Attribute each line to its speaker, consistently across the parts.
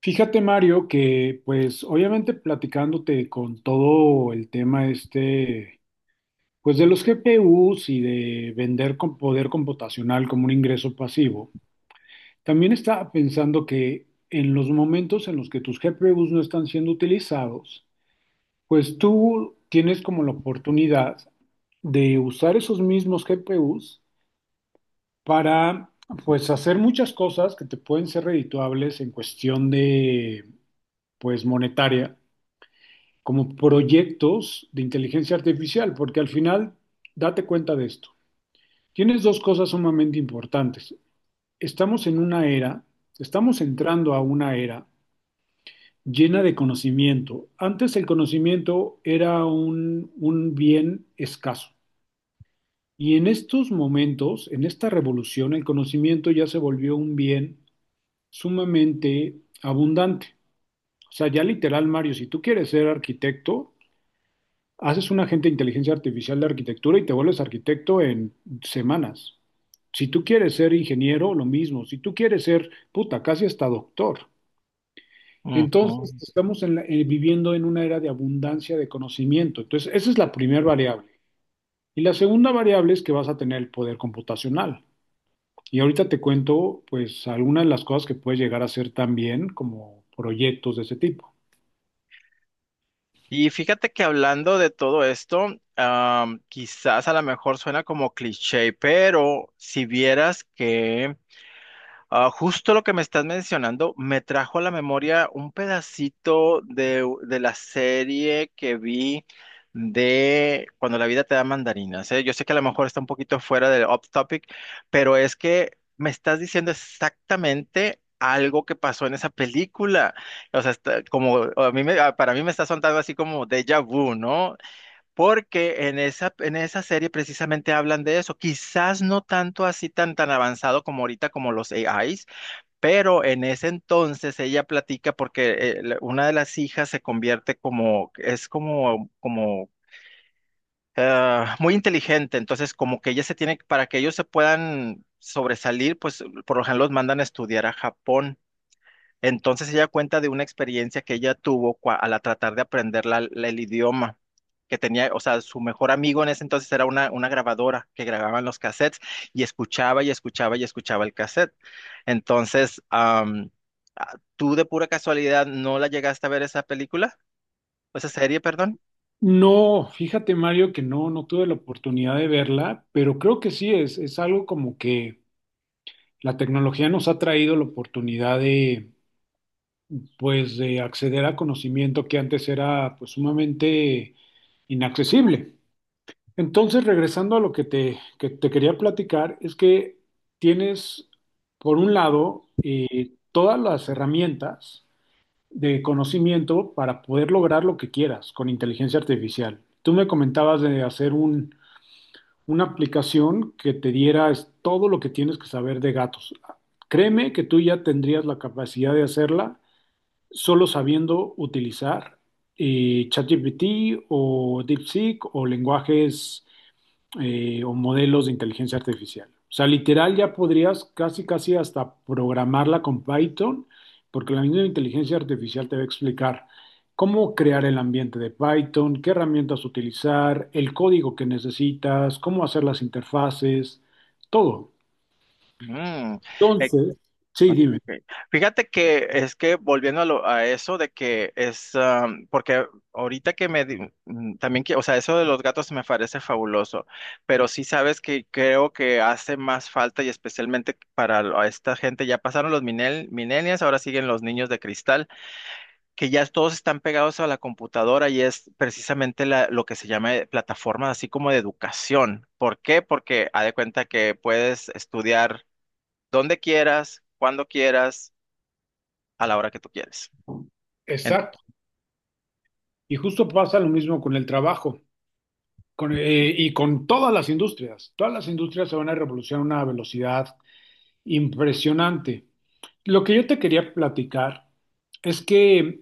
Speaker 1: Fíjate, Mario, que pues obviamente platicándote con todo el tema este, pues de los GPUs y de vender con poder computacional como un ingreso pasivo, también estaba pensando que en los momentos en los que tus GPUs no están siendo utilizados, pues tú tienes como la oportunidad de usar esos mismos GPUs para pues hacer muchas cosas que te pueden ser redituables en cuestión de pues monetaria como proyectos de inteligencia artificial, porque al final, date cuenta de esto. Tienes dos cosas sumamente importantes. Estamos en una era, estamos entrando a una era llena de conocimiento. Antes el conocimiento era un bien escaso. Y en estos momentos, en esta revolución, el conocimiento ya se volvió un bien sumamente abundante. O sea, ya literal, Mario, si tú quieres ser arquitecto, haces un agente de inteligencia artificial de arquitectura y te vuelves arquitecto en semanas. Si tú quieres ser ingeniero, lo mismo. Si tú quieres ser, puta, casi hasta doctor.
Speaker 2: Ujú.
Speaker 1: Entonces, viviendo en una era de abundancia de conocimiento. Entonces, esa es la primera variable. Y la segunda variable es que vas a tener el poder computacional. Y ahorita te cuento, pues, algunas de las cosas que puedes llegar a hacer también como proyectos de ese tipo.
Speaker 2: Y fíjate que hablando de todo esto, quizás a lo mejor suena como cliché, pero si vieras que justo lo que me estás mencionando me trajo a la memoria un pedacito de la serie que vi de Cuando la vida te da mandarinas, ¿eh? Yo sé que a lo mejor está un poquito fuera del off topic, pero es que me estás diciendo exactamente algo que pasó en esa película. O sea, está- como a mí me- ah, para mí me está sonando así como déjà vu, ¿no? Porque en esa serie precisamente hablan de eso. Quizás no tanto así tan avanzado como ahorita como los AIs, pero en ese entonces ella platica porque una de las hijas se convierte como muy inteligente, entonces como que ella se tiene, para que ellos se puedan sobresalir, pues por lo general los mandan a estudiar a Japón. Entonces ella cuenta de una experiencia que ella tuvo cua- al a tratar de aprender el idioma, que tenía, o sea, su mejor amigo en ese entonces era una grabadora que grababan los cassettes y escuchaba y escuchaba y escuchaba el cassette. Entonces, ¿tú de pura casualidad no la llegaste a ver esa película? Esa serie, perdón.
Speaker 1: No, fíjate Mario que no, no tuve la oportunidad de verla, pero creo que sí es algo como que la tecnología nos ha traído la oportunidad de, pues, de acceder a conocimiento que antes era, pues, sumamente inaccesible. Entonces, regresando a lo que te quería platicar, es que tienes, por un lado, todas las herramientas de conocimiento para poder lograr lo que quieras con inteligencia artificial. Tú me comentabas de hacer un una aplicación que te diera todo lo que tienes que saber de gatos. Créeme que tú ya tendrías la capacidad de hacerla solo sabiendo utilizar ChatGPT o DeepSeek o lenguajes o modelos de inteligencia artificial. O sea, literal ya podrías casi, casi hasta programarla con Python, porque la misma inteligencia artificial te va a explicar cómo crear el ambiente de Python, qué herramientas utilizar, el código que necesitas, cómo hacer las interfaces, todo.
Speaker 2: Mm. eh,
Speaker 1: Entonces, sí,
Speaker 2: Ok.
Speaker 1: dime.
Speaker 2: Fíjate que es que volviendo a eso de que es, porque ahorita que me, di- mm, también que, o sea, eso de los gatos me parece fabuloso, pero sí sabes que creo que hace más falta y especialmente para a esta gente, ya pasaron los millennials, ahora siguen los niños de cristal, que ya todos están pegados a la computadora y es precisamente lo que se llama plataforma así como de educación. ¿Por qué? Porque haz de cuenta que puedes estudiar donde quieras, cuando quieras, a la hora que tú quieres. En-
Speaker 1: Exacto. Y justo pasa lo mismo con el trabajo y con todas las industrias. Todas las industrias se van a revolucionar a una velocidad impresionante. Lo que yo te quería platicar es que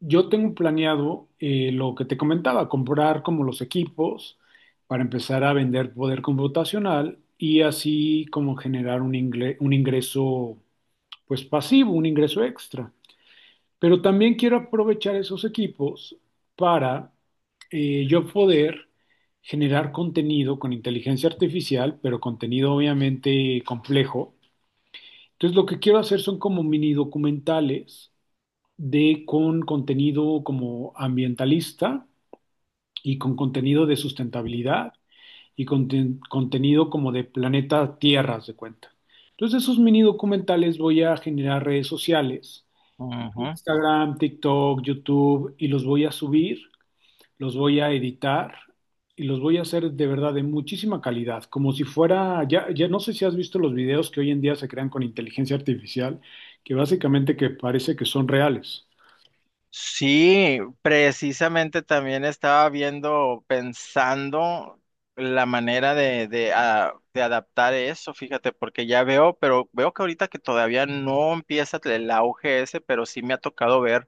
Speaker 1: yo tengo planeado lo que te comentaba, comprar como los equipos para empezar a vender poder computacional y así como generar un ingreso pues pasivo, un ingreso extra. Pero también quiero aprovechar esos equipos para yo poder generar contenido con inteligencia artificial, pero contenido obviamente complejo, entonces, lo que quiero hacer son como mini documentales de contenido como ambientalista y con contenido de sustentabilidad y contenido como de planeta Tierra, haz de cuenta. Entonces, esos mini documentales voy a generar redes sociales,
Speaker 2: Ujú.
Speaker 1: Instagram, TikTok, YouTube, y los voy a subir, los voy a editar y los voy a hacer de verdad de muchísima calidad, como si fuera, ya, ya no sé si has visto los videos que hoy en día se crean con inteligencia artificial, que básicamente que parece que son reales.
Speaker 2: Sí, precisamente también estaba viendo, pensando la manera de adaptar eso, fíjate, porque ya veo, pero veo que ahorita que todavía no empieza el auge ese, pero sí me ha tocado ver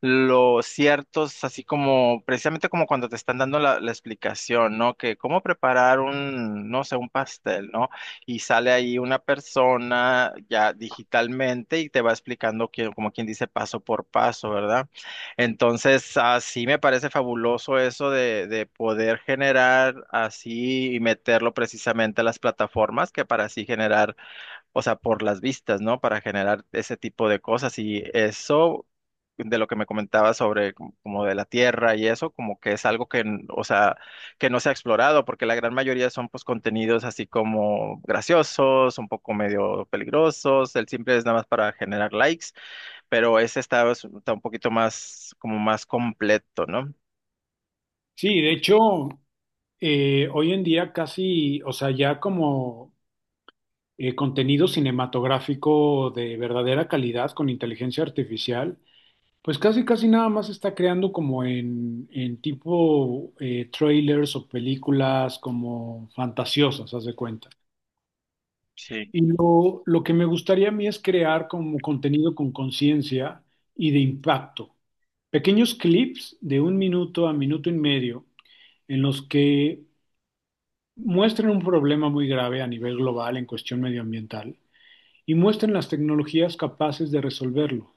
Speaker 2: los ciertos, así como precisamente como cuando te están dando la explicación, ¿no? Que cómo preparar un, no sé, un pastel, ¿no? Y sale ahí una persona ya digitalmente y te va explicando que, como quien dice, paso por paso, ¿verdad? Entonces, así me parece fabuloso eso de poder generar así y meterlo precisamente a las plataformas que para así generar, o sea, por las vistas, ¿no? Para generar ese tipo de cosas. Y eso de lo que me comentaba sobre como de la Tierra y eso, como que es algo que, o sea, que no se ha explorado, porque la gran mayoría son pues contenidos así como graciosos, un poco medio peligrosos, el simple es nada más para generar likes, pero ese está, pues, está un poquito más, como más completo, ¿no?
Speaker 1: Sí, de hecho, hoy en día casi, o sea, ya como contenido cinematográfico de verdadera calidad con inteligencia artificial, pues casi, casi nada más se está creando como en tipo trailers o películas como fantasiosas, haz de cuenta.
Speaker 2: Sí.
Speaker 1: Y lo que me gustaría a mí es crear como contenido con conciencia y de impacto. Pequeños clips de un minuto a minuto y medio en los que muestren un problema muy grave a nivel global en cuestión medioambiental y muestren las tecnologías capaces de resolverlo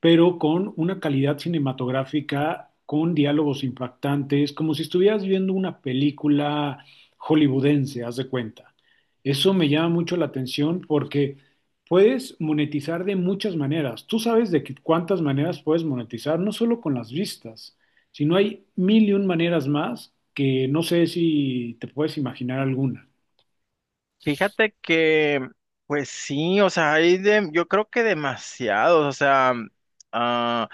Speaker 1: pero con una calidad cinematográfica, con diálogos impactantes, como si estuvieras viendo una película hollywoodense, haz de cuenta. Eso me llama mucho la atención porque puedes monetizar de muchas maneras. Tú sabes cuántas maneras puedes monetizar, no solo con las vistas, sino hay mil y un maneras más que no sé si te puedes imaginar alguna.
Speaker 2: Fíjate que, pues sí, o sea, hay de, yo creo que demasiados, o sea, ah,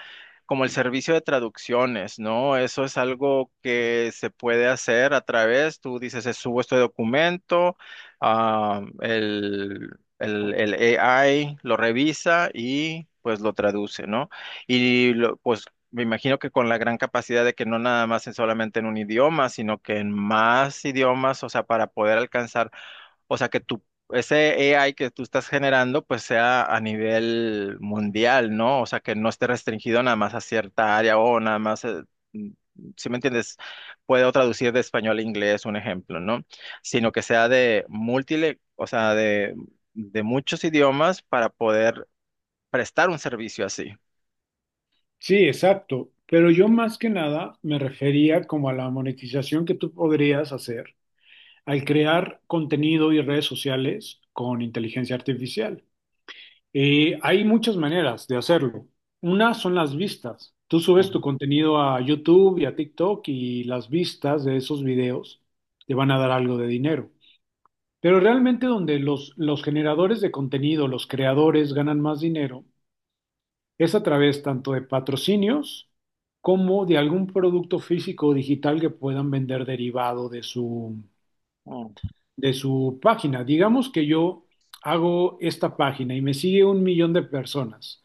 Speaker 2: como el servicio de traducciones, ¿no? Eso es algo que se puede hacer a través, tú dices, subo este documento, ah, el, el AI lo revisa y pues lo traduce, ¿no? Pues me imagino que con la gran capacidad de que no nada más es solamente en un idioma, sino que en más idiomas, o sea, para poder alcanzar, o sea, que tu, ese AI que tú estás generando, pues sea a nivel mundial, ¿no? O sea, que no esté restringido nada más a cierta área o nada más, mm, si me entiendes, puedo traducir de español a inglés, un ejemplo, ¿no? Sino que sea de múltiple, o sea, de muchos idiomas para poder prestar un servicio así.
Speaker 1: Sí, exacto. Pero yo más que nada me refería como a la monetización que tú podrías hacer al crear contenido y redes sociales con inteligencia artificial. Hay muchas maneras de hacerlo. Una son las vistas. Tú subes
Speaker 2: Ujú.
Speaker 1: tu contenido a YouTube y a TikTok y las vistas de esos videos te van a dar algo de dinero. Pero realmente donde los generadores de contenido, los creadores ganan más dinero, es a través tanto de patrocinios como de algún producto físico o digital que puedan vender derivado
Speaker 2: Mm.
Speaker 1: de su página. Digamos que yo hago esta página y me sigue un millón de personas.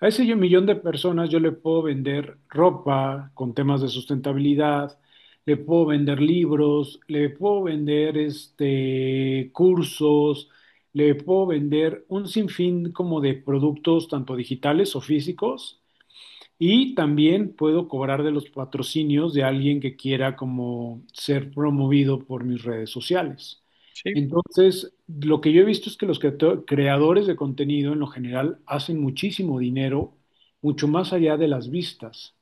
Speaker 1: A ese millón de personas yo le puedo vender ropa con temas de sustentabilidad, le puedo vender libros, le puedo vender este, cursos, le puedo vender un sinfín como de productos tanto digitales o físicos y también puedo cobrar de los patrocinios de alguien que quiera como ser promovido por mis redes sociales.
Speaker 2: Sí,
Speaker 1: Entonces, lo que yo he visto es que los creadores de contenido en lo general hacen muchísimo dinero, mucho más allá de las vistas.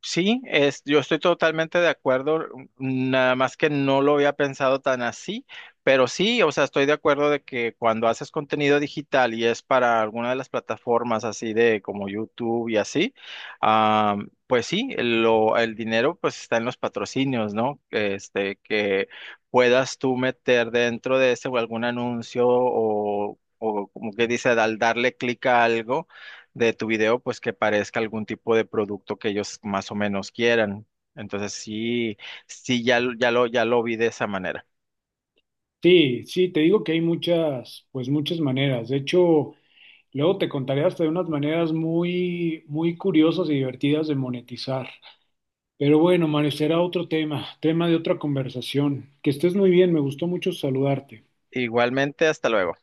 Speaker 2: sí, es, yo estoy totalmente de acuerdo, nada más que no lo había pensado tan así, pero sí, o sea, estoy de acuerdo de que cuando haces contenido digital y es para alguna de las plataformas así de como YouTube y así, ah, pues sí, lo, el dinero pues está en los patrocinios, ¿no? Este, que puedas tú meter dentro de ese o algún anuncio o como que dice, al darle clic a algo de tu video, pues que parezca algún tipo de producto que ellos más o menos quieran. Entonces sí, sí, ya, ya lo vi de esa manera.
Speaker 1: Sí, sí, te digo que hay muchas, pues muchas maneras. De hecho, luego te contaré hasta de unas maneras muy, muy curiosas y divertidas de monetizar. Pero bueno, Mario, será otro tema, tema de otra conversación. Que estés muy bien, me gustó mucho saludarte.
Speaker 2: Igualmente, hasta luego.